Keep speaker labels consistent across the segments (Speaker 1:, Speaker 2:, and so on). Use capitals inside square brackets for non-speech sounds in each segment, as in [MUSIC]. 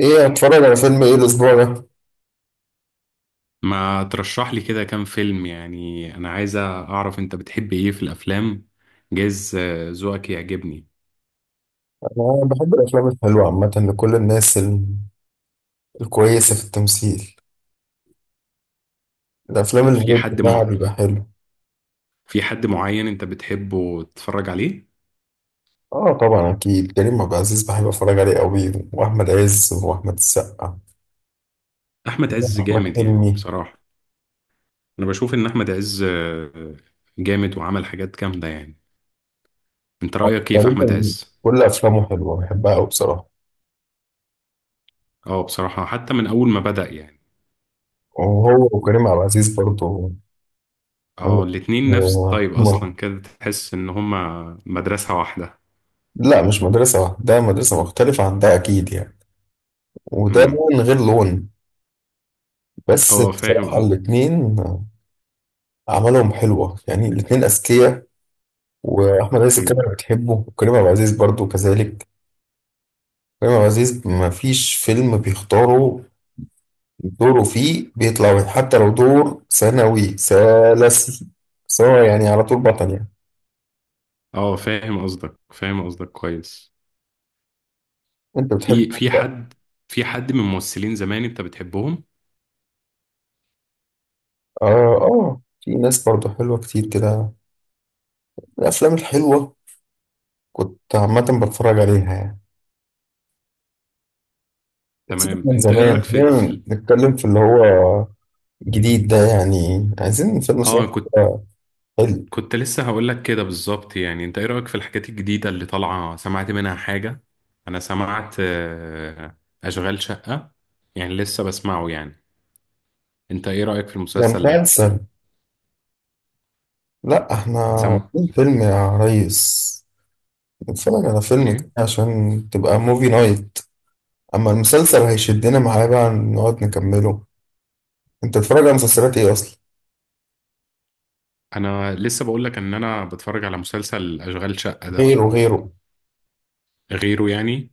Speaker 1: ايه اتفرج على فيلم ايه الاسبوع ده؟
Speaker 2: ما ترشح لي كده كام فيلم، يعني انا عايزة اعرف انت بتحب ايه في الافلام؟ جايز، ذوقك يعجبني.
Speaker 1: انا بحب الافلام الحلوه عامه لكل الناس الكويسه في التمثيل. الافلام اللي
Speaker 2: في
Speaker 1: الريت
Speaker 2: حد
Speaker 1: بتاعها
Speaker 2: مع...
Speaker 1: بيبقى حلو.
Speaker 2: في حد معين انت بتحبه تتفرج عليه؟
Speaker 1: اه، طبعا اكيد كريم عبد العزيز بحب اتفرج عليه قوي، واحمد عز واحمد السقا
Speaker 2: احمد عز
Speaker 1: واحمد
Speaker 2: جامد يعني،
Speaker 1: حلمي.
Speaker 2: بصراحة. انا بشوف ان احمد عز جامد وعمل حاجات جامدة يعني. انت رأيك ايه في احمد
Speaker 1: تقريبا
Speaker 2: عز؟
Speaker 1: كل افلامه حلوه بحبها قوي بصراحه.
Speaker 2: اه، بصراحة حتى من اول ما بدأ يعني.
Speaker 1: وهو وكريم عبد العزيز برضه.
Speaker 2: اه، الاتنين نفس
Speaker 1: آه،
Speaker 2: الطيب
Speaker 1: ما-
Speaker 2: اصلا، كده تحس ان هما مدرسة واحدة.
Speaker 1: لا، مش مدرسه واحده، ده مدرسه مختلفه عن ده اكيد يعني. وده
Speaker 2: امم.
Speaker 1: لون غير لون. بس
Speaker 2: اه،
Speaker 1: بصراحة
Speaker 2: فاهم.
Speaker 1: الاتنين أعمالهم حلوة، يعني الاتنين أذكياء. وأحمد عز
Speaker 2: اه،
Speaker 1: الكاميرا بتحبه، وكريم عبد العزيز برضه كذلك. كريم عبد العزيز ما فيش فيلم بيختاره دوره فيه بيطلع وحش، حتى لو دور ثانوي ثالثي، سواء يعني على طول بطل يعني.
Speaker 2: اه، فاهم قصدك، فاهم قصدك كويس.
Speaker 1: أنت بتحب؟
Speaker 2: في في حد في حد من ممثلين زمان انت بتحبهم؟
Speaker 1: آه. آه، في ناس برضه حلوة كتير كده، الأفلام الحلوة كنت عامة بتفرج عليها يعني. بس ده
Speaker 2: تمام،
Speaker 1: من
Speaker 2: انت ايه
Speaker 1: زمان،
Speaker 2: رأيك في
Speaker 1: خلينا
Speaker 2: في ال-
Speaker 1: نتكلم في اللي هو جديد ده، يعني عايزين فيلم صح
Speaker 2: اه، أنا كنت
Speaker 1: حلو.
Speaker 2: كنت لسه هقول لك كده بالظبط، يعني انت ايه رأيك في الحاجات الجديدة اللي طالعة؟ سمعت منها حاجة؟ انا سمعت اشغال شقة، يعني لسه بسمعه يعني. انت ايه رأيك في
Speaker 1: ده
Speaker 2: المسلسل ده؟
Speaker 1: مسلسل؟ لا، احنا
Speaker 2: سمع
Speaker 1: في فيلم يا ريس، نتفرج على فيلم كده
Speaker 2: ايه؟
Speaker 1: عشان تبقى موفي نايت. اما المسلسل هيشدنا معاه بقى نقعد نكمله. انت بتتفرج على مسلسلات ايه اصلا؟
Speaker 2: انا لسه بقول لك ان انا بتفرج على مسلسل اشغال شقة ده.
Speaker 1: غيره، غيره.
Speaker 2: غيره يعني.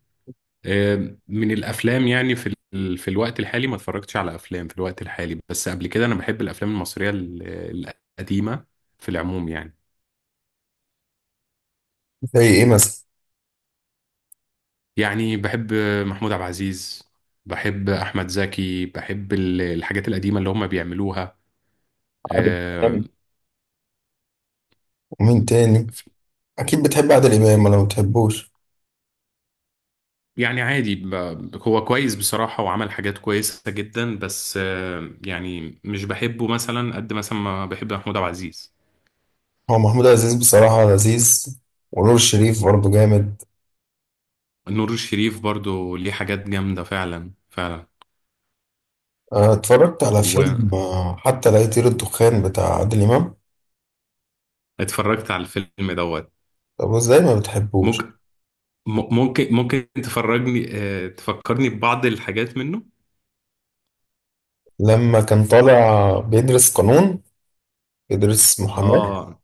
Speaker 2: من الافلام يعني، في في الوقت الحالي ما اتفرجتش على افلام في الوقت الحالي، بس قبل كده انا بحب الافلام المصريه القديمه في العموم يعني.
Speaker 1: زي ايه مثلا؟
Speaker 2: يعني بحب محمود عبد العزيز، بحب احمد زكي، بحب الحاجات القديمه اللي هم بيعملوها.
Speaker 1: عادل
Speaker 2: آه،
Speaker 1: امام. ومين تاني؟ اكيد بتحب عادل امام ولا ما بتحبوش؟
Speaker 2: يعني عادي، هو كويس بصراحه، وعمل حاجات كويسه جدا، بس يعني مش بحبه مثلا قد مثلا ما بحب محمود عبد العزيز.
Speaker 1: هو محمود عزيز بصراحة لذيذ، ونور الشريف برضه جامد.
Speaker 2: نور الشريف برضو ليه حاجات جامده فعلا فعلا.
Speaker 1: اه، اتفرجت على فيلم حتى لا يطير الدخان بتاع عادل امام.
Speaker 2: اتفرجت على الفيلم دوت.
Speaker 1: طب ازاي ما بتحبوش؟
Speaker 2: ممكن م- ممكن ممكن تفرجني آه، تفكرني ببعض الحاجات منه.
Speaker 1: لما كان طالع بيدرس قانون، يدرس محاماة.
Speaker 2: اه،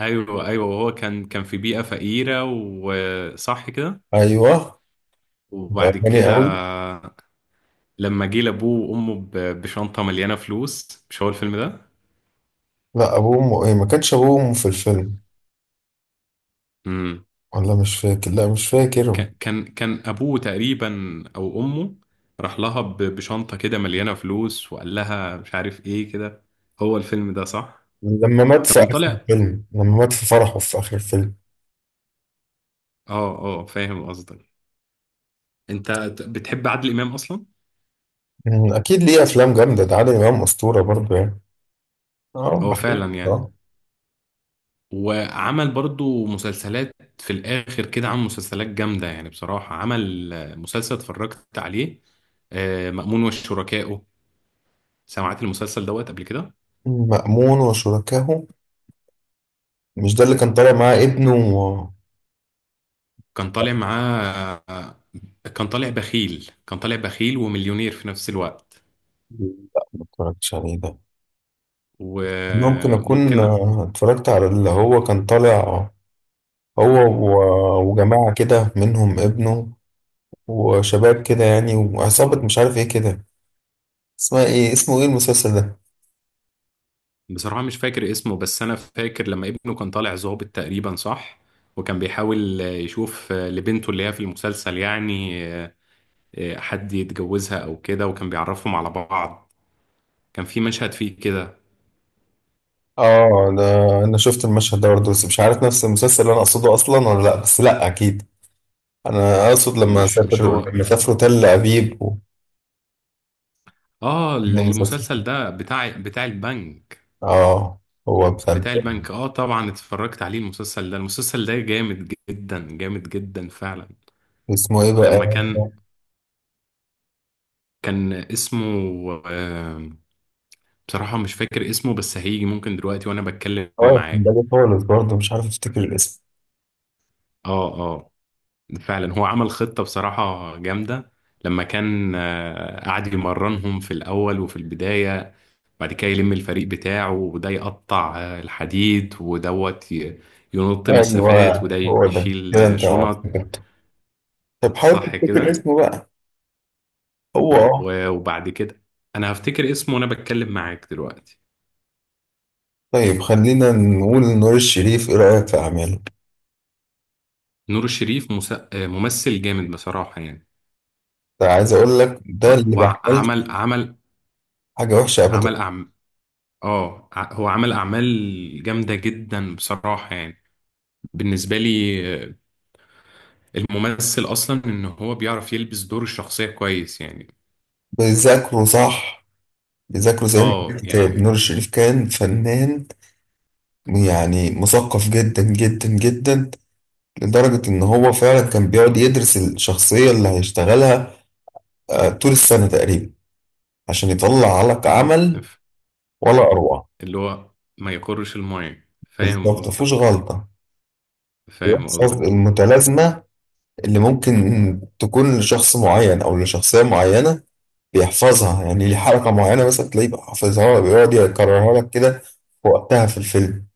Speaker 2: ايوه ايوه، وهو كان في بيئة فقيرة وصح كده.
Speaker 1: أيوه. وبقى
Speaker 2: وبعد
Speaker 1: غني
Speaker 2: كده
Speaker 1: أوي.
Speaker 2: لما جه لابوه وامه بشنطة مليانة فلوس، مش هو الفيلم ده؟
Speaker 1: لا، أبوه إيه، ما كانش أبوه وأمه في الفيلم.
Speaker 2: امم.
Speaker 1: ولا مش فاكر، لا مش فاكر.
Speaker 2: كان ابوه تقريبا او امه، راح لها بشنطة كده مليانة فلوس، وقال لها مش عارف ايه كده. هو الفيلم ده صح؟ كان طالع.
Speaker 1: لما مات في فرحه في آخر الفيلم.
Speaker 2: اه، اه، فاهم قصدك. انت بتحب عادل امام اصلا؟
Speaker 1: أكيد ليه أفلام جامدة، ده عادل إمام أسطورة برضه يعني. أه
Speaker 2: هو
Speaker 1: بحب
Speaker 2: فعلا
Speaker 1: آه.
Speaker 2: يعني، وعمل برضو مسلسلات في الاخر كده. عمل مسلسلات جامده يعني بصراحه، عمل مسلسل اتفرجت عليه، مأمون وشركائه. سمعت المسلسل دوت قبل كده؟
Speaker 1: مأمون وشركاه، مش ده اللي كان طالع معاه ابنه؟
Speaker 2: كان طالع معاه آه، كان طالع بخيل، كان طالع بخيل ومليونير في نفس الوقت.
Speaker 1: لا، ما اتفرجتش عليه ده. ممكن أكون
Speaker 2: وممكن.
Speaker 1: اتفرجت على اللي هو كان طالع، هو وجماعة كده منهم ابنه، وشباب كده يعني وعصابة مش عارف ايه كده. اسمه ايه المسلسل ده؟
Speaker 2: بصراحة مش فاكر اسمه، بس أنا فاكر لما ابنه كان طالع ظابط تقريبا، صح. وكان بيحاول يشوف لبنته اللي هي في المسلسل يعني، حد يتجوزها أو كده، وكان بيعرفهم على بعض. كان في مشهد فيه كده.
Speaker 1: اه ده، انا شفت المشهد ده برضه، بس مش عارف نفس المسلسل اللي انا اقصده اصلا ولا لا، بس لا اكيد، انا اقصد
Speaker 2: مش هو.
Speaker 1: لما سافروا تل ابيب. المسلسل،
Speaker 2: المسلسل ده بتاع البنك.
Speaker 1: اه، هو مثلا،
Speaker 2: بتاع البنك، آه طبعا اتفرجت عليه. المسلسل ده، المسلسل ده جامد جدا، جامد جدا فعلا.
Speaker 1: اسمه ايه بقى؟
Speaker 2: لما كان كان اسمه، بصراحة مش فاكر اسمه، بس هيجي ممكن دلوقتي وانا بتكلم
Speaker 1: اه، كان
Speaker 2: معاك.
Speaker 1: بالي خالص برضه، مش عارف افتكر الاسم.
Speaker 2: اه، اه، فعلا. هو عمل خطة بصراحة جامدة، لما كان قعد يمرنهم في الأول وفي البداية. بعد كده يلم الفريق بتاعه، وده يقطع الحديد، ودوت ينط مسافات،
Speaker 1: ايوه،
Speaker 2: وده
Speaker 1: هو ده
Speaker 2: يشيل
Speaker 1: كده، انت
Speaker 2: شنط،
Speaker 1: افتكرته. طب حاول
Speaker 2: صح
Speaker 1: تفتكر
Speaker 2: كده.
Speaker 1: اسمه بقى. هو اه.
Speaker 2: وبعد كده أنا هفتكر اسمه وانا بتكلم معاك دلوقتي.
Speaker 1: طيب خلينا نقول نور الشريف، ايه رأيك في اعماله؟
Speaker 2: نور الشريف ممثل جامد بصراحة يعني.
Speaker 1: ده عايز اقول لك ده
Speaker 2: و-
Speaker 1: اللي بيعمل
Speaker 2: وعمل عمل
Speaker 1: حاجه وحشه ابدا.
Speaker 2: عمل أعمال. اه، هو عمل اعمال جامده جدا بصراحه يعني، بالنسبه لي آه، الممثل اصلا ان هو بيعرف يلبس دور الشخصيه كويس يعني.
Speaker 1: بيذاكروا صح، بيذاكروا زي ما قال
Speaker 2: اه
Speaker 1: الكتاب،
Speaker 2: يعني
Speaker 1: نور الشريف كان فنان، يعني مثقف جدا جدا جدا، لدرجه ان هو فعلا كان بيقعد يدرس الشخصيه اللي هيشتغلها، طول السنه تقريبا، عشان يطلع لك
Speaker 2: مهم.
Speaker 1: عمل ولا اروع.
Speaker 2: اللي هو ما يقرش المايه، فاهم
Speaker 1: بالظبط مفيهوش
Speaker 2: قصدك؟
Speaker 1: غلطه.
Speaker 2: فاهم
Speaker 1: بيحفظ
Speaker 2: قصدك،
Speaker 1: المتلازمه اللي ممكن تكون لشخص معين او لشخصيه معينه، بيحفظها، يعني ليه حركة معينة مثلا تلاقيه بقى حافظها بيقعد يكررها لك كده في وقتها في الفيلم،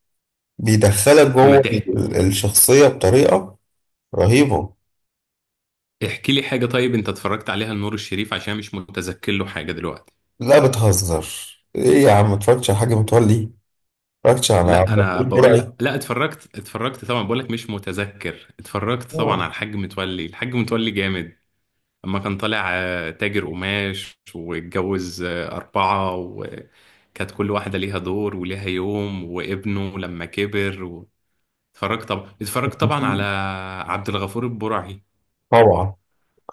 Speaker 1: بيدخلك
Speaker 2: ما
Speaker 1: جوه
Speaker 2: تحكي.
Speaker 1: الشخصية بطريقة رهيبة.
Speaker 2: احكي لي حاجه طيب انت اتفرجت عليها لنور الشريف، عشان مش متذكر له حاجه دلوقتي.
Speaker 1: لا، بتهزر. ايه يا عم، متفرجتش على حاجة متولي؟ متفرجتش على
Speaker 2: لا،
Speaker 1: مغفور
Speaker 2: انا بقول
Speaker 1: البرعي؟
Speaker 2: لك لا، اتفرجت طبعا، بقول لك مش متذكر. اتفرجت طبعا
Speaker 1: آه،
Speaker 2: على الحاج متولي، الحاج متولي جامد. لما كان طالع تاجر قماش، واتجوز أربعة، وكانت كل واحدة ليها دور وليها يوم، وابنه لما كبر و... اتفرجت طبعا، اتفرجت طبعا على عبد الغفور البرعي.
Speaker 1: طبعا،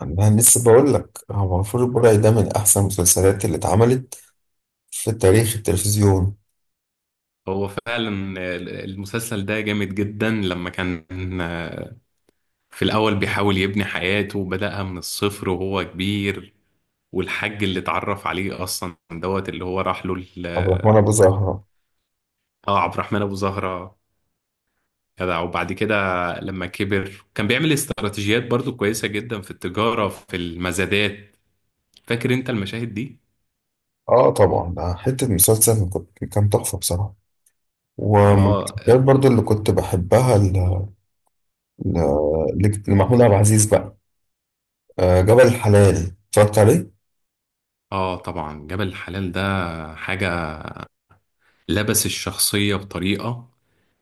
Speaker 1: انا لسه بقول لك، هو مغفور البرعي ده من احسن المسلسلات اللي اتعملت في تاريخ التلفزيون.
Speaker 2: هو فعلا المسلسل ده جامد جدا، لما كان آه، في الأول بيحاول يبني حياته، وبدأها من الصفر وهو كبير. والحاج اللي اتعرف عليه أصلا دوت، اللي هو راح له
Speaker 1: عبد الرحمن ابو زهرة.
Speaker 2: اه، عبد الرحمن أبو زهرة، جدع. وبعد كده لما كبر كان بيعمل استراتيجيات برضو كويسة جدا في التجارة، في المزادات. فاكر انت المشاهد دي؟
Speaker 1: اه طبعا، ده حتة مسلسل، كان تحفة بصراحة. ومن
Speaker 2: اه،
Speaker 1: الحاجات برضو اللي كنت بحبها لمحمود عبد العزيز بقى، جبل الحلال، اتفرجت عليه.
Speaker 2: اه طبعا، جبل الحلال ده حاجة. لبس الشخصية بطريقة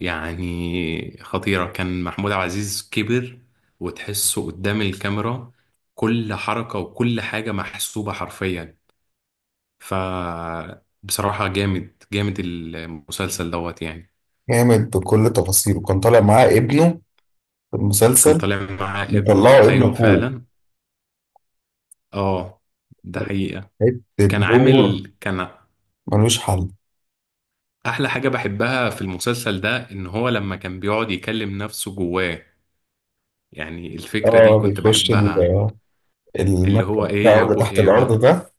Speaker 2: يعني خطيرة، كان محمود عبد العزيز كبر، وتحسه قدام الكاميرا كل حركة وكل حاجة محسوبة حرفيا. ف بصراحة جامد جامد المسلسل دوت يعني.
Speaker 1: جامد بكل تفاصيله، كان طالع معاه ابنه في
Speaker 2: كان
Speaker 1: المسلسل،
Speaker 2: طالع مع ابنه،
Speaker 1: مطلعه ابن
Speaker 2: ايوه
Speaker 1: اخوه.
Speaker 2: فعلا. اه، ده حقيقة.
Speaker 1: حتة
Speaker 2: كان
Speaker 1: دور
Speaker 2: عامل كان
Speaker 1: ملوش حل.
Speaker 2: أحلى حاجة بحبها في المسلسل ده إن هو لما كان بيقعد يكلم نفسه جواه، يعني الفكرة دي
Speaker 1: اه،
Speaker 2: كنت
Speaker 1: بيخش
Speaker 2: بحبها. اللي هو
Speaker 1: المكتب
Speaker 2: إيه
Speaker 1: بتاعه
Speaker 2: يا
Speaker 1: اللي
Speaker 2: أبو
Speaker 1: تحت الارض
Speaker 2: هيبة.
Speaker 1: ده،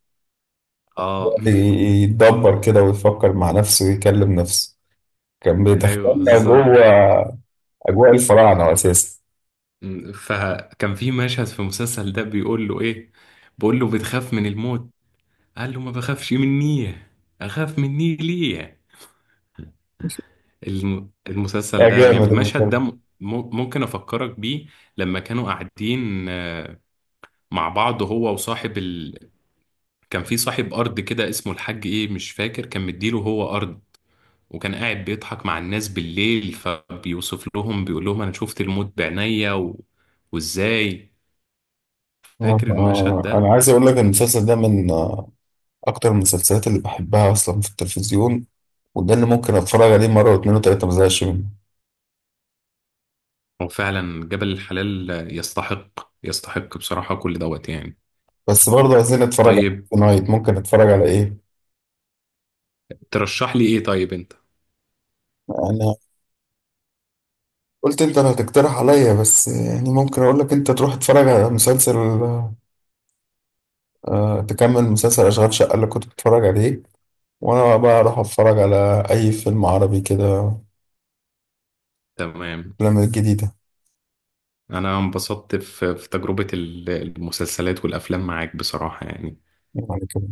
Speaker 2: اه، [LAUGHS]
Speaker 1: يتدبر كده ويفكر مع نفسه ويكلم نفسه، كان
Speaker 2: أيوه
Speaker 1: بيدخلنا جوه
Speaker 2: بالظبط.
Speaker 1: اجواء الفراعنه اساسا.
Speaker 2: فكان في مشهد في المسلسل ده بيقول له إيه، بيقول له بتخاف من الموت؟ قال له ما بخافش مني، أخاف مني ليه. المسلسل
Speaker 1: لا،
Speaker 2: ده جامد،
Speaker 1: جامد
Speaker 2: المشهد
Speaker 1: المسلسل.
Speaker 2: ده ممكن أفكرك بيه. لما كانوا قاعدين مع بعض، هو كان في صاحب أرض كده اسمه الحاج إيه، مش فاكر، كان مديله هو أرض. وكان قاعد بيضحك مع الناس بالليل، فبيوصف لهم بيقول لهم أنا شفت الموت بعينيا و... وإزاي. فاكر المشهد
Speaker 1: انا
Speaker 2: ده؟
Speaker 1: عايز اقول لك إن المسلسل ده من اكتر المسلسلات اللي بحبها اصلا في التلفزيون، وده اللي ممكن اتفرج عليه مره واتنين وتلاته، ما زهقش منه.
Speaker 2: هو فعلا جبل الحلال يستحق، يستحق بصراحة كل دوت يعني.
Speaker 1: بس برضه عايزين نتفرج
Speaker 2: طيب،
Speaker 1: على نايت، ممكن اتفرج على ايه؟
Speaker 2: ترشح لي إيه طيب أنت؟
Speaker 1: انا قلت انت اللي هتقترح عليا، بس يعني ممكن اقول لك انت تروح تتفرج على مسلسل، تكمل مسلسل اشغال شقه اللي كنت بتتفرج عليه، وانا بقى اروح اتفرج على اي فيلم عربي كده،
Speaker 2: تمام،
Speaker 1: الافلام الجديده.
Speaker 2: أنا انبسطت في تجربة المسلسلات والأفلام معاك بصراحة يعني.
Speaker 1: يعني كده.